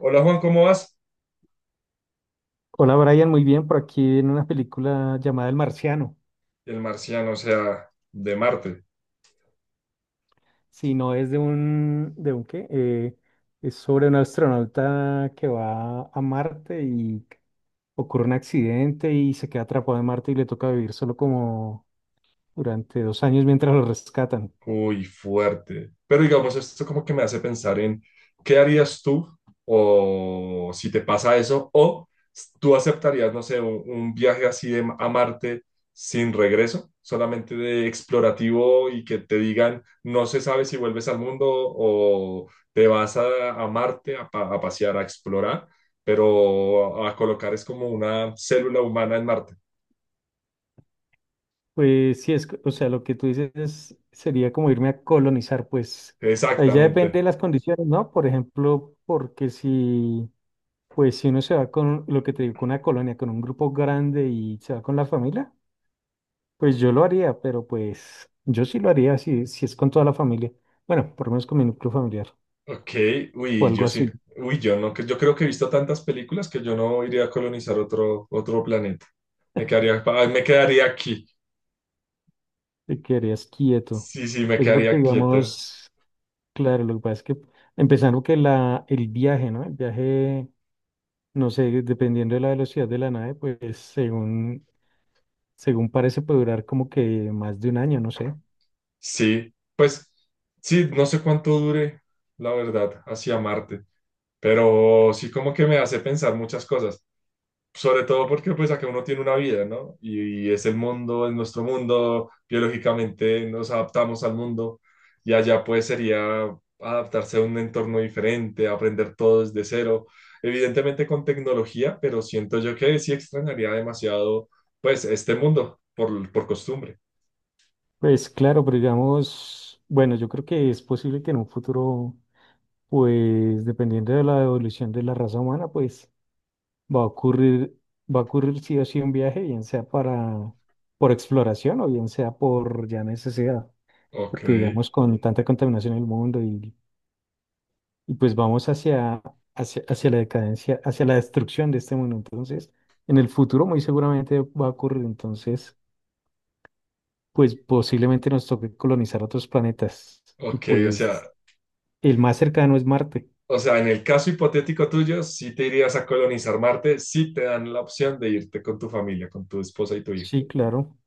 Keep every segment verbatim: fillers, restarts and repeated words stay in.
Hola Juan, ¿cómo vas? Hola Brian, muy bien, por aquí en una película llamada El Marciano. El marciano, o sea, de Marte. Si no es de un, ¿de un qué? Eh, es sobre un astronauta que va a Marte y ocurre un accidente y se queda atrapado en Marte y le toca vivir solo como durante dos años mientras lo rescatan. Uy, fuerte. Pero digamos, esto como que me hace pensar en qué harías tú o si te pasa eso o tú aceptarías, no sé, un, un viaje así de, a Marte sin regreso, solamente de explorativo y que te digan, no se sabe si vuelves al mundo o te vas a, a Marte a pa- a pasear, a explorar, pero a a colocar es como una célula humana en Marte. Pues sí, es, c- o sea, lo que tú dices es- sería como irme a colonizar, pues ahí ya depende Exactamente. de las condiciones, ¿no? Por ejemplo, porque si pues si uno se va con lo que te digo, con una colonia, con un grupo grande y se va con la familia, pues yo lo haría, pero pues yo sí lo haría si, si es con toda la familia. Bueno, por lo menos con mi núcleo familiar Ok, o uy, algo yo sí, así, uy, yo no, que- yo creo que he visto tantas películas que yo no iría a colonizar otro, otro planeta. Me quedaría, ah, me quedaría aquí. te quedarías quieto. Sí, sí, me Pues sí, porque quedaría quieta. digamos, claro, lo que pasa es que empezando que la, el viaje, ¿no? El viaje, no sé, dependiendo de la velocidad de la nave, pues según, según parece puede durar como que más de un año, no sé. Sí, pues, sí, no sé cuánto dure, la verdad, hacia Marte, pero sí como que me hace pensar muchas cosas. Sobre todo porque pues acá uno tiene una vida, ¿no? Y, y es el mundo, es nuestro mundo, biológicamente nos adaptamos al mundo y allá pues sería adaptarse a un entorno diferente, aprender todo desde cero, evidentemente con tecnología, pero siento yo que sí extrañaría demasiado pues este mundo por, por costumbre. Pues claro, pero digamos, bueno, yo creo que es posible que en un futuro, pues dependiendo de la evolución de la raza humana, pues va a ocurrir, va a ocurrir sí o sí un viaje, bien sea para, por exploración o bien sea por ya necesidad, Ok, porque digamos con tanta contaminación en el mundo y, y pues vamos hacia, hacia, hacia la decadencia, hacia la destrucción de este mundo. Entonces, en el futuro muy seguramente va a ocurrir, entonces, pues posiblemente nos toque colonizar otros planetas y ok, o sea, pues... El más cercano es Marte. o sea, en el caso hipotético tuyo, si te irías a colonizar Marte, si te dan la opción de irte con tu familia, con tu esposa y tu hijo. Sí, claro.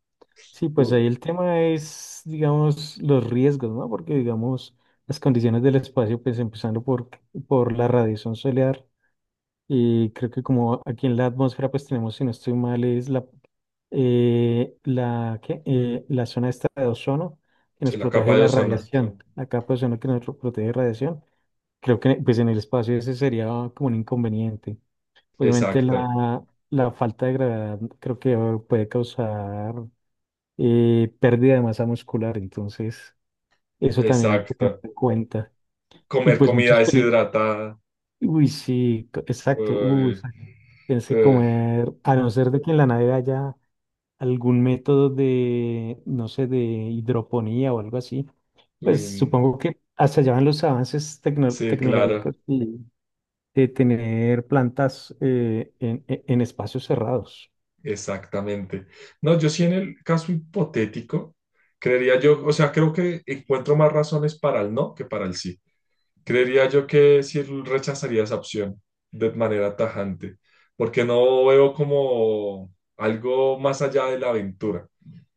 Sí, pues Uh, ahí el tema es, digamos, los riesgos, ¿no? Porque, digamos, las condiciones del espacio, pues empezando por, por la radiación solar, y creo que como aquí en la atmósfera, pues tenemos, si no estoy mal, es la, eh, la, ¿qué? Eh, la zona esta de ozono que nos Sí, la protege de capa de la ozono. radiación, la capa de ozono que nos protege de radiación. Creo que pues en el espacio ese sería como un inconveniente. Obviamente Exacto, la, la falta de gravedad creo que puede causar eh, pérdida de masa muscular, entonces eso también hay que tener exacto. en cuenta. Y Comer pues muchos comida peligros. deshidratada. Uy, sí, co- exacto, uy, Uy, exacto. Tienes que eh, comer, a no ser de que en la nave haya algún método de, no sé, de hidroponía o algo así, pues uy, mm, supongo que hasta allá van los avances tecno- sí, claro, tecnológicos y de tener plantas eh, en en- en espacios cerrados. exactamente. No, yo sí en el caso hipotético, creería yo, o sea, creo que encuentro más razones para el no que para el sí. Creería yo que sí rechazaría esa opción de manera tajante, porque no veo como algo más allá de la aventura.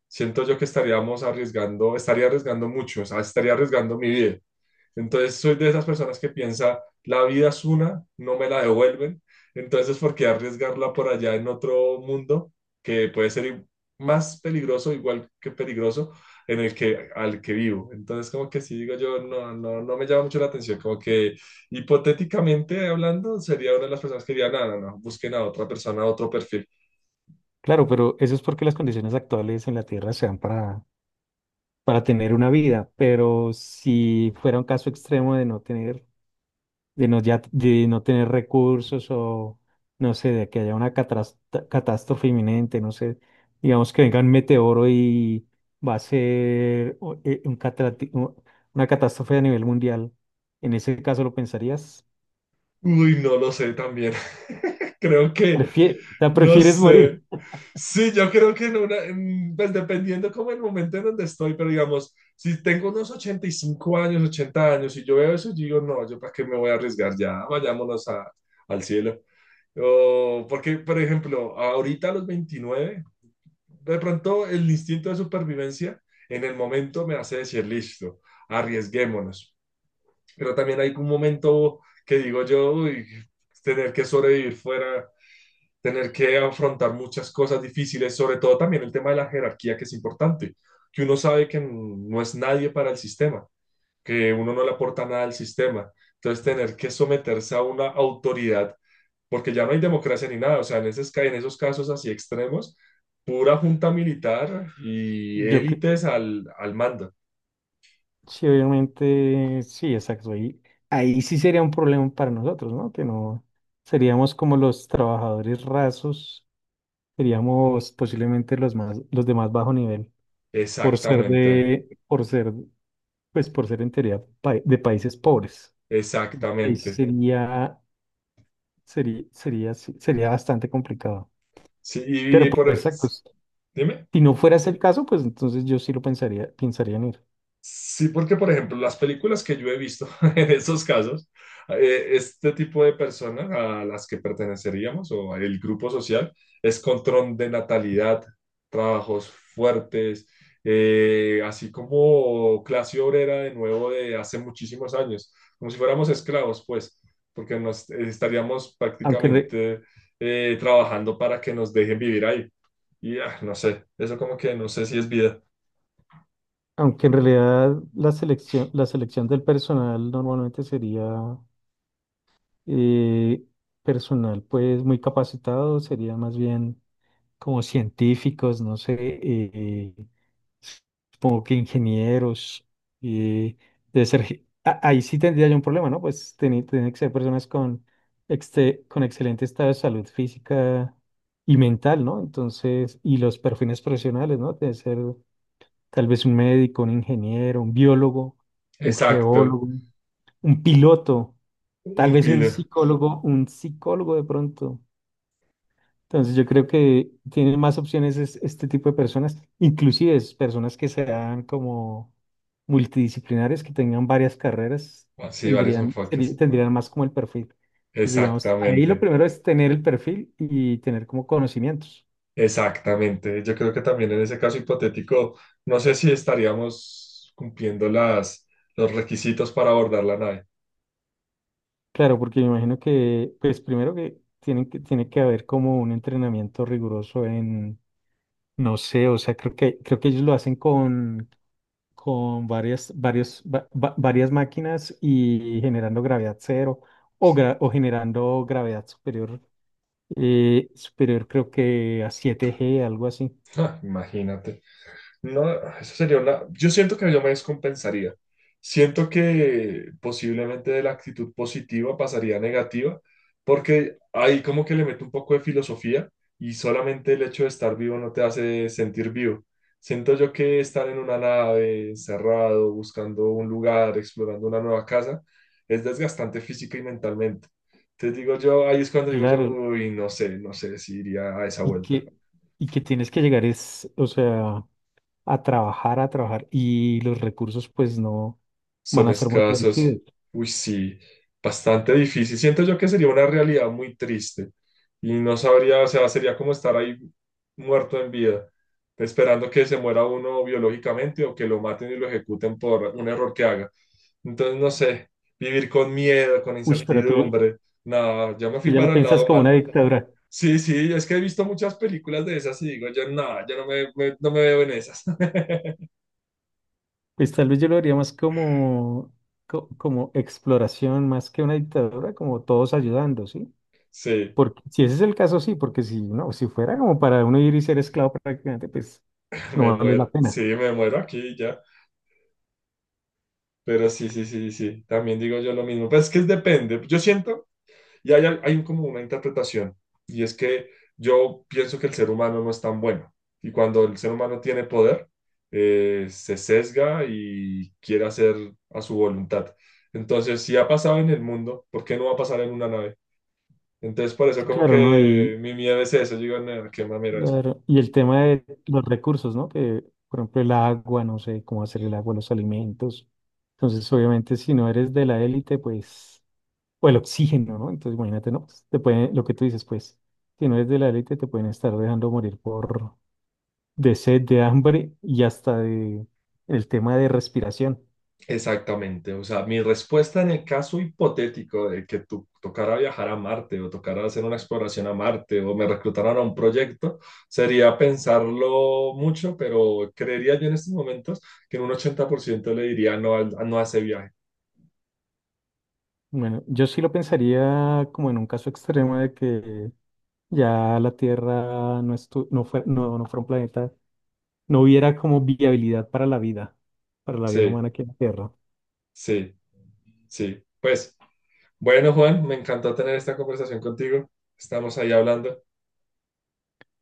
Siento yo que estaríamos arriesgando, estaría arriesgando mucho, o sea, estaría arriesgando mi vida. Entonces soy de esas personas que piensa, la vida es una, no me la devuelven, entonces ¿por qué arriesgarla por allá en otro mundo que puede ser i- más peligroso, igual que peligroso, en el que al que vivo? Entonces como que sí digo yo, no, no, no me llama mucho la atención, como que hipotéticamente hablando sería una de las personas que diría, no, no, no, busquen a otra persona, a otro perfil. Claro, pero eso es porque las condiciones actuales en la Tierra se dan para, para tener una vida, pero si fuera un caso extremo de no tener, de no, ya, de no tener recursos o, no sé, de que haya una catras- catástrofe inminente, no sé, digamos que venga un meteoro y va a ser o- eh, un catrati- u- una catástrofe a nivel mundial, en ese caso lo pensarías, Uy, no lo sé también. Creo que Prefie- o sea, No prefieres sé. morir. Sí, yo creo que en una, en- pues dependiendo como el momento en donde estoy, pero digamos, si tengo unos ochenta y cinco años, ochenta años y yo veo eso, yo digo, no, yo para qué me voy a arriesgar ya, vayámonos a- al cielo. O porque, por ejemplo, ahorita a los veintinueve de pronto el instinto de supervivencia en el momento me hace decir, listo, arriesguémonos. Pero también hay un momento que digo yo, uy, tener que sobrevivir fuera tener que afrontar muchas cosas difíciles, sobre todo también el tema de la jerarquía, que es importante, que uno sabe que no es nadie para el sistema, que uno no le aporta nada al sistema. Entonces, tener que someterse a una autoridad, porque ya no hay democracia ni nada, o sea, en, esos, en esos casos así extremos, pura junta militar y Yo, cre- élites al, al mando. Sí, obviamente, sí, exacto. Ahí, ahí sí sería un problema para nosotros, ¿no? Que no seríamos como los trabajadores rasos, seríamos posiblemente los más, los de más bajo nivel, por ser Exactamente, de, por ser, pues por ser en teoría pa- de países pobres. Ahí sí exactamente. sería, sería, sería, sí, sería bastante complicado. Sí, y, Pero y pues por. exacto, Dime. si no fuera ese el caso, pues entonces yo sí lo pensaría, pensaría en ir. Sí, porque por ejemplo, las películas que yo he visto en esos casos, eh, este tipo de personas a las que perteneceríamos o el grupo social es control de natalidad, trabajos fuertes, eh, así como clase obrera de nuevo de hace muchísimos años, como si fuéramos esclavos, pues, porque nos estaríamos Aunque, re- prácticamente eh, trabajando para que nos dejen vivir ahí. Y ah, no sé, eso como que no sé si es vida. Aunque en realidad la selección, la selección del personal normalmente sería eh, personal pues muy capacitado, sería más bien como científicos, no sé, eh, supongo que ingenieros, eh, debe ser ge- a- ahí sí tendría yo un problema, ¿no? Pues tiene, tiene que ser personas con, exte- con excelente estado de salud física y mental, ¿no? Entonces, y los perfiles profesionales, ¿no? Debe ser tal vez un médico, un ingeniero, un biólogo, un Exacto, geólogo, un piloto, tal un vez un pino. psicólogo, un psicólogo de pronto. Entonces yo creo que tienen más opciones es- este tipo de personas, inclusive es personas que sean como multidisciplinares, que tengan varias carreras, Ah, sí, varios tendrían, seri- enfoques. tendrían más como el perfil. Pues digamos, ahí Exactamente, lo primero es tener el perfil y tener como conocimientos. exactamente. Yo creo que también en ese caso hipotético, no sé si estaríamos cumpliendo las, los requisitos para abordar la nave. Claro, porque me imagino que, pues primero que tienen que, tiene que haber como un entrenamiento riguroso en, no sé, o sea, creo que, creo que ellos lo hacen con, con varias, varios, va- va- varias máquinas y generando gravedad cero o, gra- o generando gravedad superior, eh, superior creo que a siete G, algo así. Ja, imagínate. No, eso sería una. Yo siento que yo me descompensaría. Siento que posiblemente de la actitud positiva pasaría a negativa, porque ahí como que le meto un poco de filosofía y solamente el hecho de estar vivo no te hace sentir vivo. Siento yo que estar en una nave, encerrado, buscando un lugar, explorando una nueva casa, es desgastante física y mentalmente. Entonces digo yo, ahí es cuando digo yo, Claro, uy, no sé, no sé si iría a esa y vuelta. que, y que tienes que llegar es, o sea, a trabajar, a trabajar y los recursos pues no van Son a ser muy escasos. reducidos. Uy, sí, bastante difícil. Siento yo que sería una realidad muy triste y no sabría, o sea, sería como estar ahí muerto en vida, esperando que se muera uno biológicamente o que lo maten y lo ejecuten por un error que haga. Entonces, no sé, vivir con miedo, con Uy, pero tú, incertidumbre, nada, ya me fui tú ya lo para el piensas lado como una mal. dictadura. Sí, sí, es que he visto muchas películas de esas y digo, yo nada, yo no me, me- no me veo en esas. Pues tal vez yo lo haría más como, co- como exploración, más que una dictadura, como todos ayudando, ¿sí? Sí, Porque si ese es el caso, sí, porque si no, si fuera como para uno ir y ser esclavo prácticamente, pues me no vale la muero, pena. sí, me muero aquí ya. Pero sí, sí, sí, sí, también digo yo lo mismo. Pues es que es depende. Yo siento, y hay, al- hay como una interpretación, y es que yo pienso que el ser humano no es tan bueno. Y cuando el ser humano tiene poder, eh, se sesga y quiere hacer a su voluntad. Entonces, si ha pasado en el mundo, ¿por qué no va a pasar en una nave? Entonces, por eso Sí, como claro, ¿no? que Y, mi miedo es eso. Yo digo, no, qué mamera eso. claro, y el tema de los recursos, ¿no? Que, por ejemplo, el agua, no sé cómo hacer el agua, los alimentos. Entonces, obviamente, si no eres de la élite, pues. O el oxígeno, ¿no? Entonces, imagínate, ¿no? Pues, te pueden, lo que tú dices, pues, si no eres de la élite, te pueden estar dejando morir por de sed, de hambre y hasta de el tema de respiración. Exactamente, o sea, mi respuesta en el caso hipotético de que tú tocara viajar a Marte o tocara hacer una exploración a Marte o me reclutaran a un proyecto sería pensarlo mucho, pero creería yo en estos momentos que en un ochenta por ciento le diría no, al- no a ese viaje. Bueno, yo sí lo pensaría como en un caso extremo de que ya la Tierra no, estu- no, fue- no, no fuera un planeta, no hubiera como viabilidad para la vida, para la vida Sí, humana aquí en la Tierra. sí, sí. Pues bueno, Juan, me encantó tener esta conversación contigo. Estamos ahí hablando.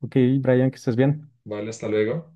Ok, Brian, que estés bien. Vale, hasta luego.